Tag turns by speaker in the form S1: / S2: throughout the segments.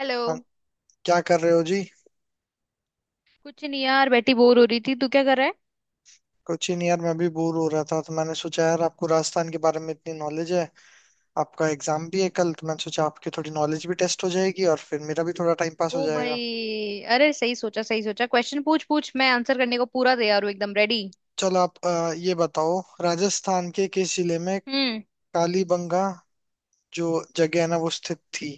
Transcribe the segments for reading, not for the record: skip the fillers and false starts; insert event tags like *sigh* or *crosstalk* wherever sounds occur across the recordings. S1: Hello.
S2: हाँ, क्या कर रहे हो जी।
S1: कुछ नहीं यार बैठी बोर हो रही थी। तू क्या कर रहा है।
S2: कुछ ही नहीं यार, मैं भी बोर हो रहा था तो मैंने सोचा यार आपको राजस्थान के बारे में इतनी नॉलेज है। आपका
S1: हम्म।
S2: एग्जाम भी है कल तो मैंने सोचा आपकी थोड़ी नॉलेज भी टेस्ट हो जाएगी और फिर मेरा भी थोड़ा टाइम पास हो
S1: ओ
S2: जाएगा।
S1: भाई अरे सही सोचा क्वेश्चन पूछ पूछ मैं आंसर करने को पूरा तैयार हूँ एकदम रेडी।
S2: चलो, आप ये बताओ, राजस्थान के किस जिले में
S1: हम्म।
S2: कालीबंगा जो जगह है ना वो स्थित थी?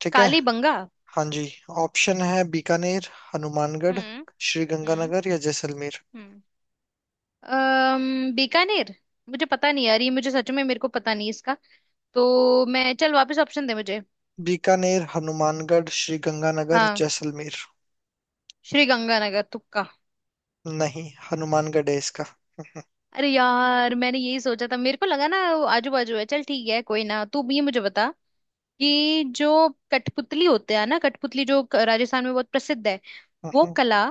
S2: ठीक है।
S1: काली बंगा।
S2: हाँ जी। ऑप्शन है बीकानेर, हनुमानगढ़,
S1: हम्म।
S2: श्री
S1: हम्म।
S2: गंगानगर या जैसलमेर।
S1: हम्म। बीकानेर। मुझे पता नहीं यार। ये मुझे सच में मेरे को पता नहीं इसका। तो मैं चल वापस ऑप्शन दे मुझे।
S2: बीकानेर, हनुमानगढ़, श्री गंगानगर,
S1: हाँ।
S2: जैसलमेर।
S1: श्री गंगानगर तुक्का।
S2: नहीं, हनुमानगढ़ है इसका।
S1: अरे यार मैंने यही सोचा था। मेरे को लगा ना वो आजू बाजू है। चल ठीक है कोई ना। तू ये मुझे बता कि जो कठपुतली होते हैं ना कठपुतली जो राजस्थान में बहुत प्रसिद्ध है। वो
S2: हम्म।
S1: कला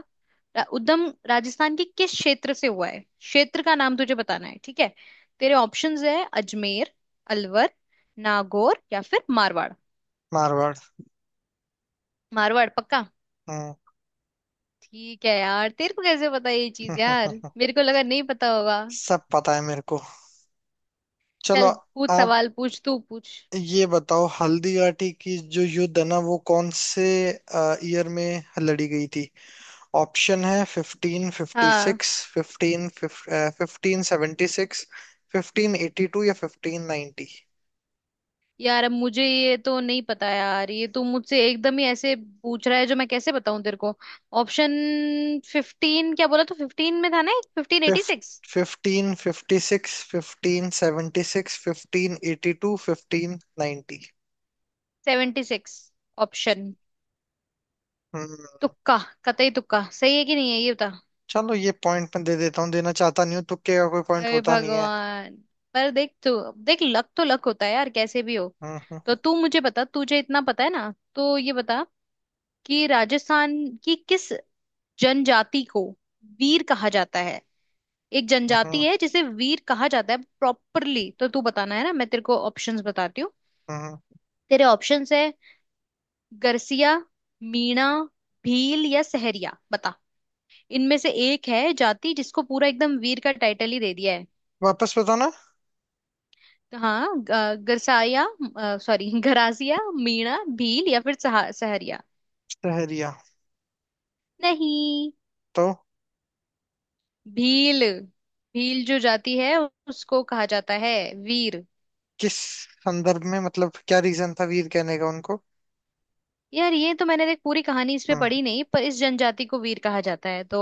S1: उद्गम राजस्थान के किस क्षेत्र से हुआ है। क्षेत्र का नाम तुझे बताना है ठीक है। तेरे ऑप्शंस है। अजमेर, अलवर, नागौर या फिर मारवाड़।
S2: मारवाड़।
S1: मारवाड़ पक्का।
S2: हम्म। हम्म।
S1: ठीक है यार तेरे को कैसे पता ये
S2: हम्म।
S1: चीज। यार
S2: हम्म।
S1: मेरे को लगा नहीं पता होगा।
S2: सब पता है मेरे को। चलो,
S1: चल पूछ
S2: आप
S1: सवाल पूछ तू पूछ।
S2: ये बताओ, हल्दी घाटी की जो युद्ध है ना वो कौन से ईयर में लड़ी गई थी? ऑप्शन है फिफ्टीन फिफ्टी
S1: हाँ।
S2: Six fifteen fifteen seventy six, 1582 या 1590।
S1: यार अब मुझे ये तो नहीं पता। यार ये तो मुझसे एकदम ही ऐसे पूछ रहा है जो मैं कैसे बताऊं तेरे को। ऑप्शन फिफ्टीन क्या बोला। तो फिफ्टीन में था ना एक fifteen eighty six.
S2: Fifteen fifty six, 1576, fifteen eighty to, 1590।
S1: Seventy six. Option.
S2: हम्म।
S1: तुक्का कतई तुक्का सही है कि नहीं है ये बता।
S2: चलो, ये पॉइंट मैं दे देता हूँ, देना चाहता नहीं हूँ, तुक्के का कोई पॉइंट
S1: अरे
S2: होता नहीं है।
S1: भगवान। पर देख तू। देख लक तो लक होता है यार कैसे भी हो। तो
S2: हम्म।
S1: तू मुझे बता। तुझे इतना पता है ना तो ये बता कि राजस्थान की किस जनजाति को वीर कहा जाता है। एक जनजाति
S2: हम्म।
S1: है जिसे वीर कहा जाता है प्रॉपरली। तो तू बताना है ना मैं तेरे को ऑप्शंस बताती हूँ।
S2: हम्म।
S1: तेरे ऑप्शंस है। गरसिया, मीणा, भील या सहरिया बता। इनमें से एक है जाति जिसको पूरा एकदम वीर का टाइटल ही दे दिया है।
S2: वापस बताना।
S1: तो हाँ गरसाया सॉरी गरासिया, मीणा, भील *laughs* या फिर सहरिया।
S2: सहरिया।
S1: नहीं।
S2: तो
S1: भील। भील जो जाति है उसको कहा जाता है वीर।
S2: किस संदर्भ में, मतलब क्या रीजन था वीर कहने का उनको?
S1: यार ये तो मैंने देख पूरी कहानी इस पे
S2: हम्म।
S1: पढ़ी नहीं। पर इस जनजाति को वीर कहा जाता है तो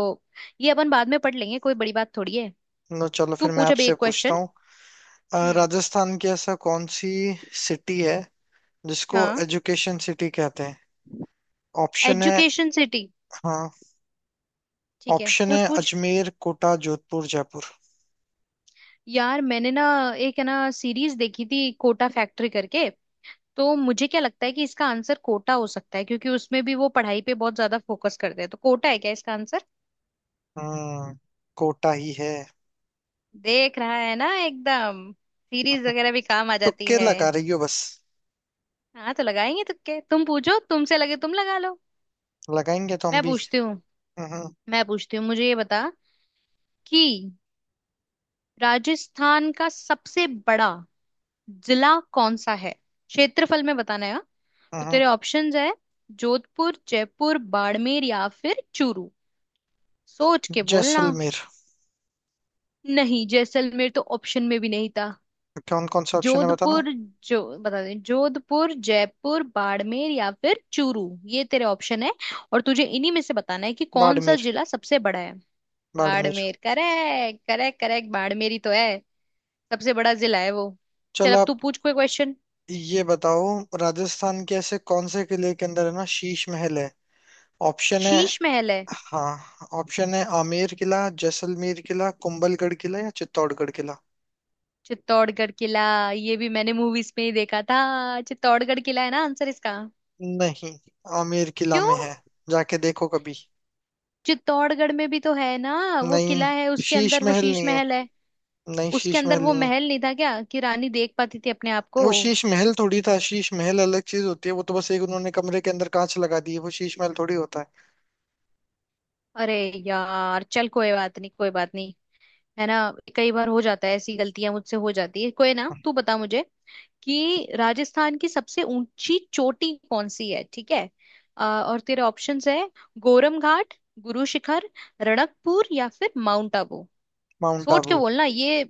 S1: ये अपन बाद में पढ़ लेंगे। कोई बड़ी बात थोड़ी है।
S2: नो, चलो
S1: तू
S2: फिर मैं
S1: पूछ अभी
S2: आपसे
S1: एक
S2: पूछता
S1: क्वेश्चन।
S2: हूँ।
S1: हम्म।
S2: राजस्थान की ऐसा कौन सी सिटी है जिसको
S1: हाँ।
S2: एजुकेशन सिटी कहते हैं? ऑप्शन है।
S1: Education city.
S2: हाँ।
S1: ठीक है
S2: ऑप्शन है
S1: पूछ पूछ।
S2: अजमेर, कोटा, जोधपुर, जयपुर।
S1: यार मैंने ना एक है ना सीरीज देखी थी कोटा फैक्ट्री करके। तो मुझे क्या लगता है कि इसका आंसर कोटा हो सकता है क्योंकि उसमें भी वो पढ़ाई पे बहुत ज्यादा फोकस करते हैं। तो कोटा है क्या इसका आंसर।
S2: हम्म। कोटा ही है।
S1: देख रहा है ना एकदम। सीरीज वगैरह भी काम आ जाती
S2: तुक्के
S1: है।
S2: लगा रही हो बस।
S1: हाँ तो लगाएंगे तुक्के। तुम पूछो तुमसे लगे तुम लगा लो।
S2: लगाएंगे तो हम
S1: मैं
S2: भी।
S1: पूछती हूँ।
S2: हम्म।
S1: मैं पूछती हूँ मुझे ये बता कि राजस्थान का सबसे बड़ा जिला कौन सा है। क्षेत्रफल में बताना है हाँ? तो
S2: हम्म।
S1: तेरे ऑप्शंस है। जोधपुर, जयपुर, बाड़मेर या फिर चूरू। सोच के बोलना।
S2: जैसलमेर।
S1: नहीं जैसलमेर तो ऑप्शन में भी नहीं था।
S2: कौन कौन सा ऑप्शन है बताना।
S1: जोधपुर जो बता दें, जोधपुर, जयपुर, बाड़मेर या फिर चूरू। ये तेरे ऑप्शन है। और तुझे इन्हीं में से बताना है कि कौन सा
S2: बाड़मेर।
S1: जिला सबसे बड़ा है।
S2: Barmer.
S1: Barmer correct correct correct. Barmer ही तो है सबसे बड़ा जिला है वो। चल
S2: चलो,
S1: अब
S2: आप
S1: तू पूछ कोई क्वेश्चन।
S2: ये बताओ, राजस्थान के ऐसे कौन से किले के अंदर है ना शीश महल है? ऑप्शन है।
S1: शीश महल है।
S2: हाँ। ऑप्शन है आमेर किला, जैसलमेर किला, कुंभलगढ़ किला या चित्तौड़गढ़ किला।
S1: चित्तौड़गढ़ किला। ये भी मैंने मूवीज में ही देखा था। चित्तौड़गढ़ किला है ना आंसर इसका।
S2: नहीं, आमेर किला
S1: क्यों।
S2: में है। जाके देखो कभी।
S1: चित्तौड़गढ़ में भी तो है ना। वो किला है
S2: नहीं,
S1: उसके
S2: शीश
S1: अंदर वो
S2: महल
S1: शीश
S2: नहीं है।
S1: महल है।
S2: नहीं,
S1: उसके
S2: शीश
S1: अंदर
S2: महल
S1: वो
S2: नहीं है।
S1: महल नहीं था क्या कि रानी देख पाती थी अपने आप को।
S2: वो शीश महल थोड़ी था, शीश महल अलग चीज होती है, वो तो बस एक उन्होंने कमरे के अंदर कांच लगा दी है, वो शीश महल थोड़ी होता है।
S1: अरे यार चल कोई बात नहीं है ना। कई बार हो जाता है ऐसी गलतियां मुझसे हो जाती है। कोई ना तू बता मुझे कि राजस्थान की सबसे ऊंची चोटी कौन सी है ठीक है। और तेरे ऑप्शंस है। गोरम घाट, गुरु शिखर, रणकपुर या फिर माउंट आबू।
S2: माउंट
S1: सोच के
S2: आबू।
S1: बोलना ये।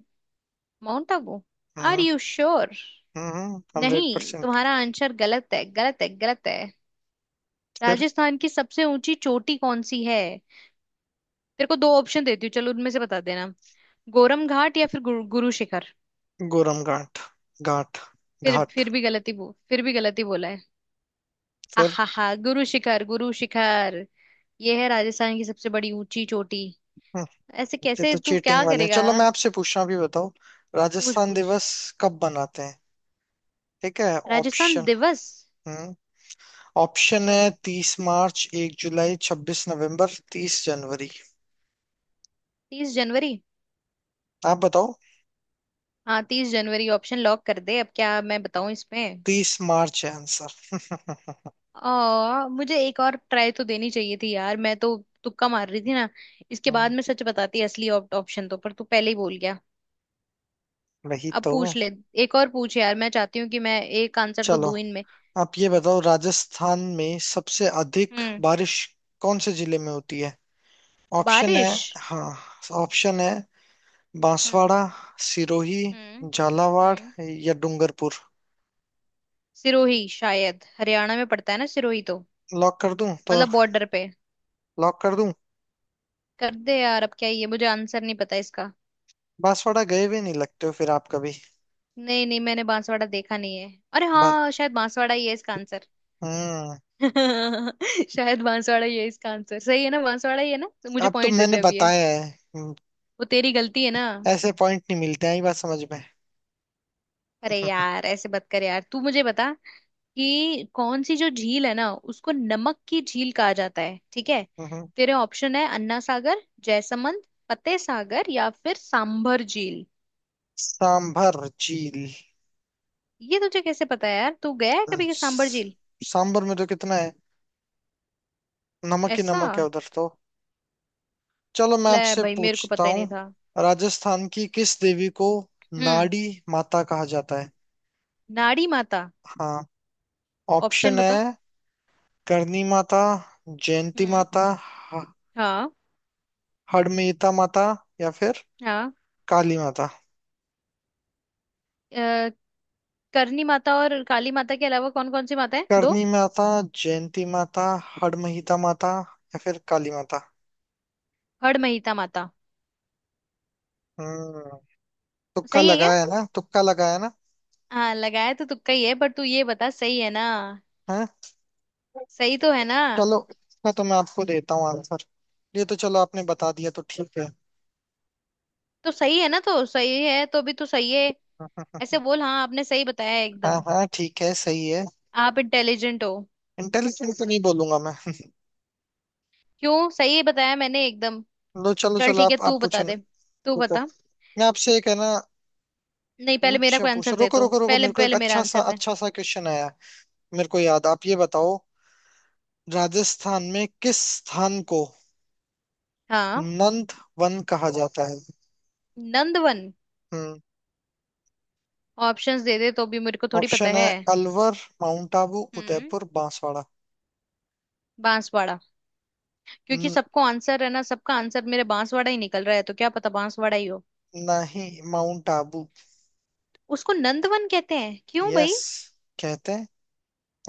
S1: Mount Abu. Are
S2: hmm.
S1: You sure.
S2: Hundred
S1: नहीं
S2: परसेंट
S1: तुम्हारा आंसर गलत है गलत है गलत है।
S2: फिर।
S1: राजस्थान की सबसे ऊंची चोटी कौन सी है। तेरे को दो ऑप्शन देती हूँ चलो उनमें से बता देना। गोरम घाट या फिर गुरु शिखर।
S2: गोरम घाट। घाट। घाट।
S1: फिर भी गलती बोला है।
S2: फिर।
S1: आहा हा गुरु शिखर गुरु शिखर। ये है राजस्थान की सबसे बड़ी ऊंची चोटी।
S2: हम्म,
S1: ऐसे
S2: ये
S1: कैसे
S2: तो
S1: तू
S2: चीटिंग
S1: क्या
S2: वाले हैं,
S1: करेगा।
S2: चलो मैं आपसे पूछना भी बताओ।
S1: पूछ
S2: राजस्थान
S1: पूछ।
S2: दिवस कब मनाते हैं, ठीक है?
S1: राजस्थान
S2: ऑप्शन।
S1: दिवस।
S2: हम्म। ऑप्शन है
S1: चल।
S2: 30 मार्च, 1 जुलाई, 26 नवंबर, 30 जनवरी।
S1: तीस जनवरी।
S2: आप बताओ।
S1: हाँ तीस जनवरी ऑप्शन लॉक कर दे। अब क्या मैं बताऊं इसमें।
S2: 30 मार्च है आंसर।
S1: मुझे एक और ट्राई तो देनी चाहिए थी यार। मैं तो तुक्का मार रही थी ना। इसके बाद मैं सच बताती असली ऑप्शन तो। पर तू पहले ही बोल गया।
S2: *laughs* वही
S1: अब
S2: तो।
S1: पूछ ले। एक और पूछ यार मैं चाहती हूँ कि मैं एक आंसर तो
S2: चलो,
S1: दूं इनमें।
S2: आप ये
S1: हम्म।
S2: बताओ, राजस्थान में सबसे अधिक
S1: हम्म।
S2: बारिश कौन से जिले में होती है? ऑप्शन है।
S1: बारिश।
S2: हाँ। ऑप्शन है
S1: हम्म।
S2: बांसवाड़ा, सिरोही,
S1: हम्म।
S2: झालावाड़
S1: हम्म।
S2: या डूंगरपुर।
S1: सिरोही शायद हरियाणा में पड़ता है ना सिरोही तो।
S2: लॉक कर दूं तो?
S1: मतलब बॉर्डर पे।
S2: लॉक कर दूं?
S1: कर दे यार अब क्या ये मुझे आंसर नहीं पता इसका।
S2: बांसवाड़ा गए भी नहीं लगते हो फिर आप कभी?
S1: नहीं नहीं मैंने बांसवाड़ा देखा नहीं है। अरे
S2: ब-
S1: हाँ शायद बांसवाड़ा ही है इसका आंसर।
S2: हम्म।
S1: *laughs* शायद बांसवाड़ा ही है इसका आंसर। सही है ना बांसवाड़ा ही है ना। तो मुझे
S2: अब तो
S1: पॉइंट दे
S2: मैंने
S1: दे अब ये।
S2: बताया है। हम्म।
S1: वो तेरी गलती है ना।
S2: ऐसे पॉइंट नहीं मिलते हैं, ये बात समझ में।
S1: अरे यार ऐसे मत कर। यार तू मुझे बता कि कौन सी जो झील है ना उसको नमक की झील कहा जाता है ठीक है।
S2: हम्म।
S1: तेरे ऑप्शन है अन्ना सागर, जयसमंद, फतेह सागर या फिर सांभर झील।
S2: सांभर झील।
S1: ये तुझे कैसे पता है यार। तू गया है कभी के सांबर
S2: स-
S1: झील।
S2: सांभर में तो कितना है, नमक ही
S1: ऐसा
S2: नमक है उधर तो। चलो, मैं
S1: ले
S2: आपसे
S1: भाई मेरे को
S2: पूछता
S1: पता ही नहीं
S2: हूँ।
S1: था।
S2: राजस्थान की किस देवी को
S1: हम्म।
S2: नाड़ी माता कहा जाता है?
S1: नाड़ी माता।
S2: हाँ।
S1: ऑप्शन
S2: ऑप्शन है
S1: बता।
S2: करणी माता, जयंती
S1: हम्म।
S2: माता, ह-
S1: हाँ।
S2: हड़मिहिता माता या फिर
S1: हाँ।
S2: काली माता।
S1: अ, करणी माता और काली माता के अलावा कौन कौन सी माता है दो।
S2: करणी माता, जयंती माता, हड़मिहिता माता या फिर काली माता।
S1: हड़महीता माता।
S2: हम्म। तुक्का
S1: सही है क्या।
S2: लगाया है ना, तुक्का लगाया ना?
S1: हाँ लगाया तो तुक्का ही है पर तू ये बता सही है ना।
S2: है।
S1: सही तो है ना।
S2: चलो, इसका तो मैं आपको देता हूँ आंसर, ये तो चलो आपने बता दिया तो ठीक है।
S1: तो सही है ना तो सही है तो भी तू सही है।
S2: *laughs*
S1: ऐसे बोल हाँ आपने सही बताया है
S2: हाँ
S1: एकदम।
S2: हाँ, ठीक है, सही है।
S1: आप इंटेलिजेंट हो।
S2: इंटेलिजेंट तो नहीं बोलूंगा मैं।
S1: क्यों सही बताया मैंने एकदम।
S2: *laughs* लो, चलो
S1: चल
S2: चलो,
S1: ठीक है
S2: आप
S1: तू
S2: आप
S1: बता
S2: पूछो ना।
S1: दे। तू
S2: रुको,
S1: बता।
S2: मैं आपसे एक है ना,
S1: नहीं पहले
S2: पूछ
S1: मेरा कोई आंसर
S2: पूछो,
S1: दे
S2: रुको
S1: तू
S2: रुको रुको,
S1: पहले
S2: मेरे को एक
S1: पहले मेरा आंसर दे।
S2: अच्छा सा क्वेश्चन आया मेरे को याद। आप ये बताओ, राजस्थान में किस स्थान को
S1: हाँ।
S2: नंद वन कहा जाता है?
S1: नंदवन।
S2: हम्म।
S1: ऑप्शंस दे दे तो भी मेरे को थोड़ी पता
S2: ऑप्शन है
S1: है।
S2: अलवर, माउंट आबू,
S1: हम्म।
S2: उदयपुर, बांसवाड़ा।
S1: बांसवाड़ा। क्योंकि
S2: न-
S1: सबको आंसर है ना सबका आंसर मेरे बांसवाड़ा ही निकल रहा है तो क्या पता बांसवाड़ा ही हो।
S2: नहीं, माउंट आबू।
S1: उसको नंदवन कहते हैं क्यों
S2: यस,
S1: भाई।
S2: कहते हैं।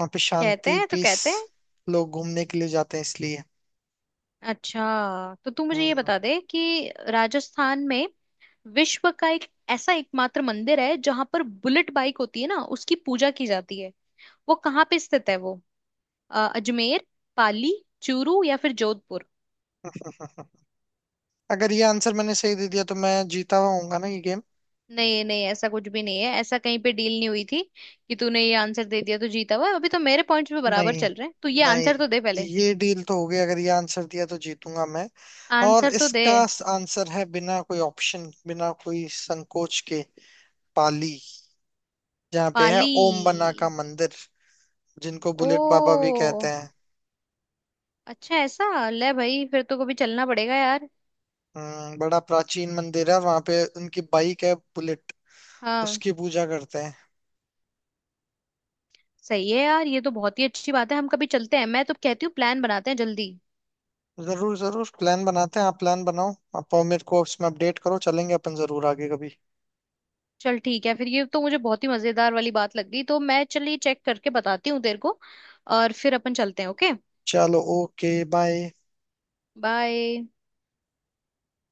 S2: वहाँ पे
S1: कहते
S2: शांति,
S1: हैं तो
S2: पीस,
S1: कहते हैं।
S2: लोग घूमने के लिए जाते हैं इसलिए।
S1: अच्छा तो तू मुझे ये
S2: हम्म।
S1: बता दे कि राजस्थान में विश्व का एक ऐसा एकमात्र मंदिर है जहां पर बुलेट बाइक होती है ना उसकी पूजा की जाती है। वो कहाँ पे स्थित है वो। अजमेर, पाली, चूरू या फिर जोधपुर।
S2: अगर ये आंसर मैंने सही दे दिया तो मैं जीता हुआ होऊंगा ना ये गेम?
S1: नहीं नहीं ऐसा कुछ भी नहीं है। ऐसा कहीं पे डील नहीं हुई थी कि तूने ये आंसर दे दिया तो जीता हुआ। अभी तो मेरे पॉइंट्स पे बराबर
S2: नहीं
S1: चल रहे हैं। तू ये आंसर तो दे
S2: नहीं,
S1: पहले।
S2: ये डील तो हो गई, अगर ये आंसर दिया तो जीतूंगा मैं। और
S1: आंसर तो दे
S2: इसका आंसर है, बिना कोई ऑप्शन बिना कोई संकोच के, पाली, जहाँ पे है
S1: पाली।
S2: ओम बना का मंदिर, जिनको बुलेट बाबा भी
S1: ओ
S2: कहते हैं।
S1: अच्छा ऐसा। ले भाई फिर तो कभी चलना पड़ेगा यार।
S2: बड़ा प्राचीन मंदिर है वहां पे, उनकी बाइक है बुलेट,
S1: हाँ
S2: उसकी पूजा करते हैं।
S1: सही है यार ये तो बहुत ही अच्छी बात है। हम कभी चलते हैं। मैं तो कहती हूँ प्लान बनाते हैं जल्दी।
S2: जरूर जरूर, प्लान बनाते हैं, आप प्लान बनाओ आप, और मेरे को इसमें अपडेट करो, चलेंगे अपन जरूर आगे कभी।
S1: चल ठीक है फिर। ये तो मुझे बहुत ही मजेदार वाली बात लग गई। तो मैं चलिए चेक करके बताती हूँ तेरे को। और फिर अपन चलते हैं ओके।
S2: चलो, ओके, बाय।
S1: बाय।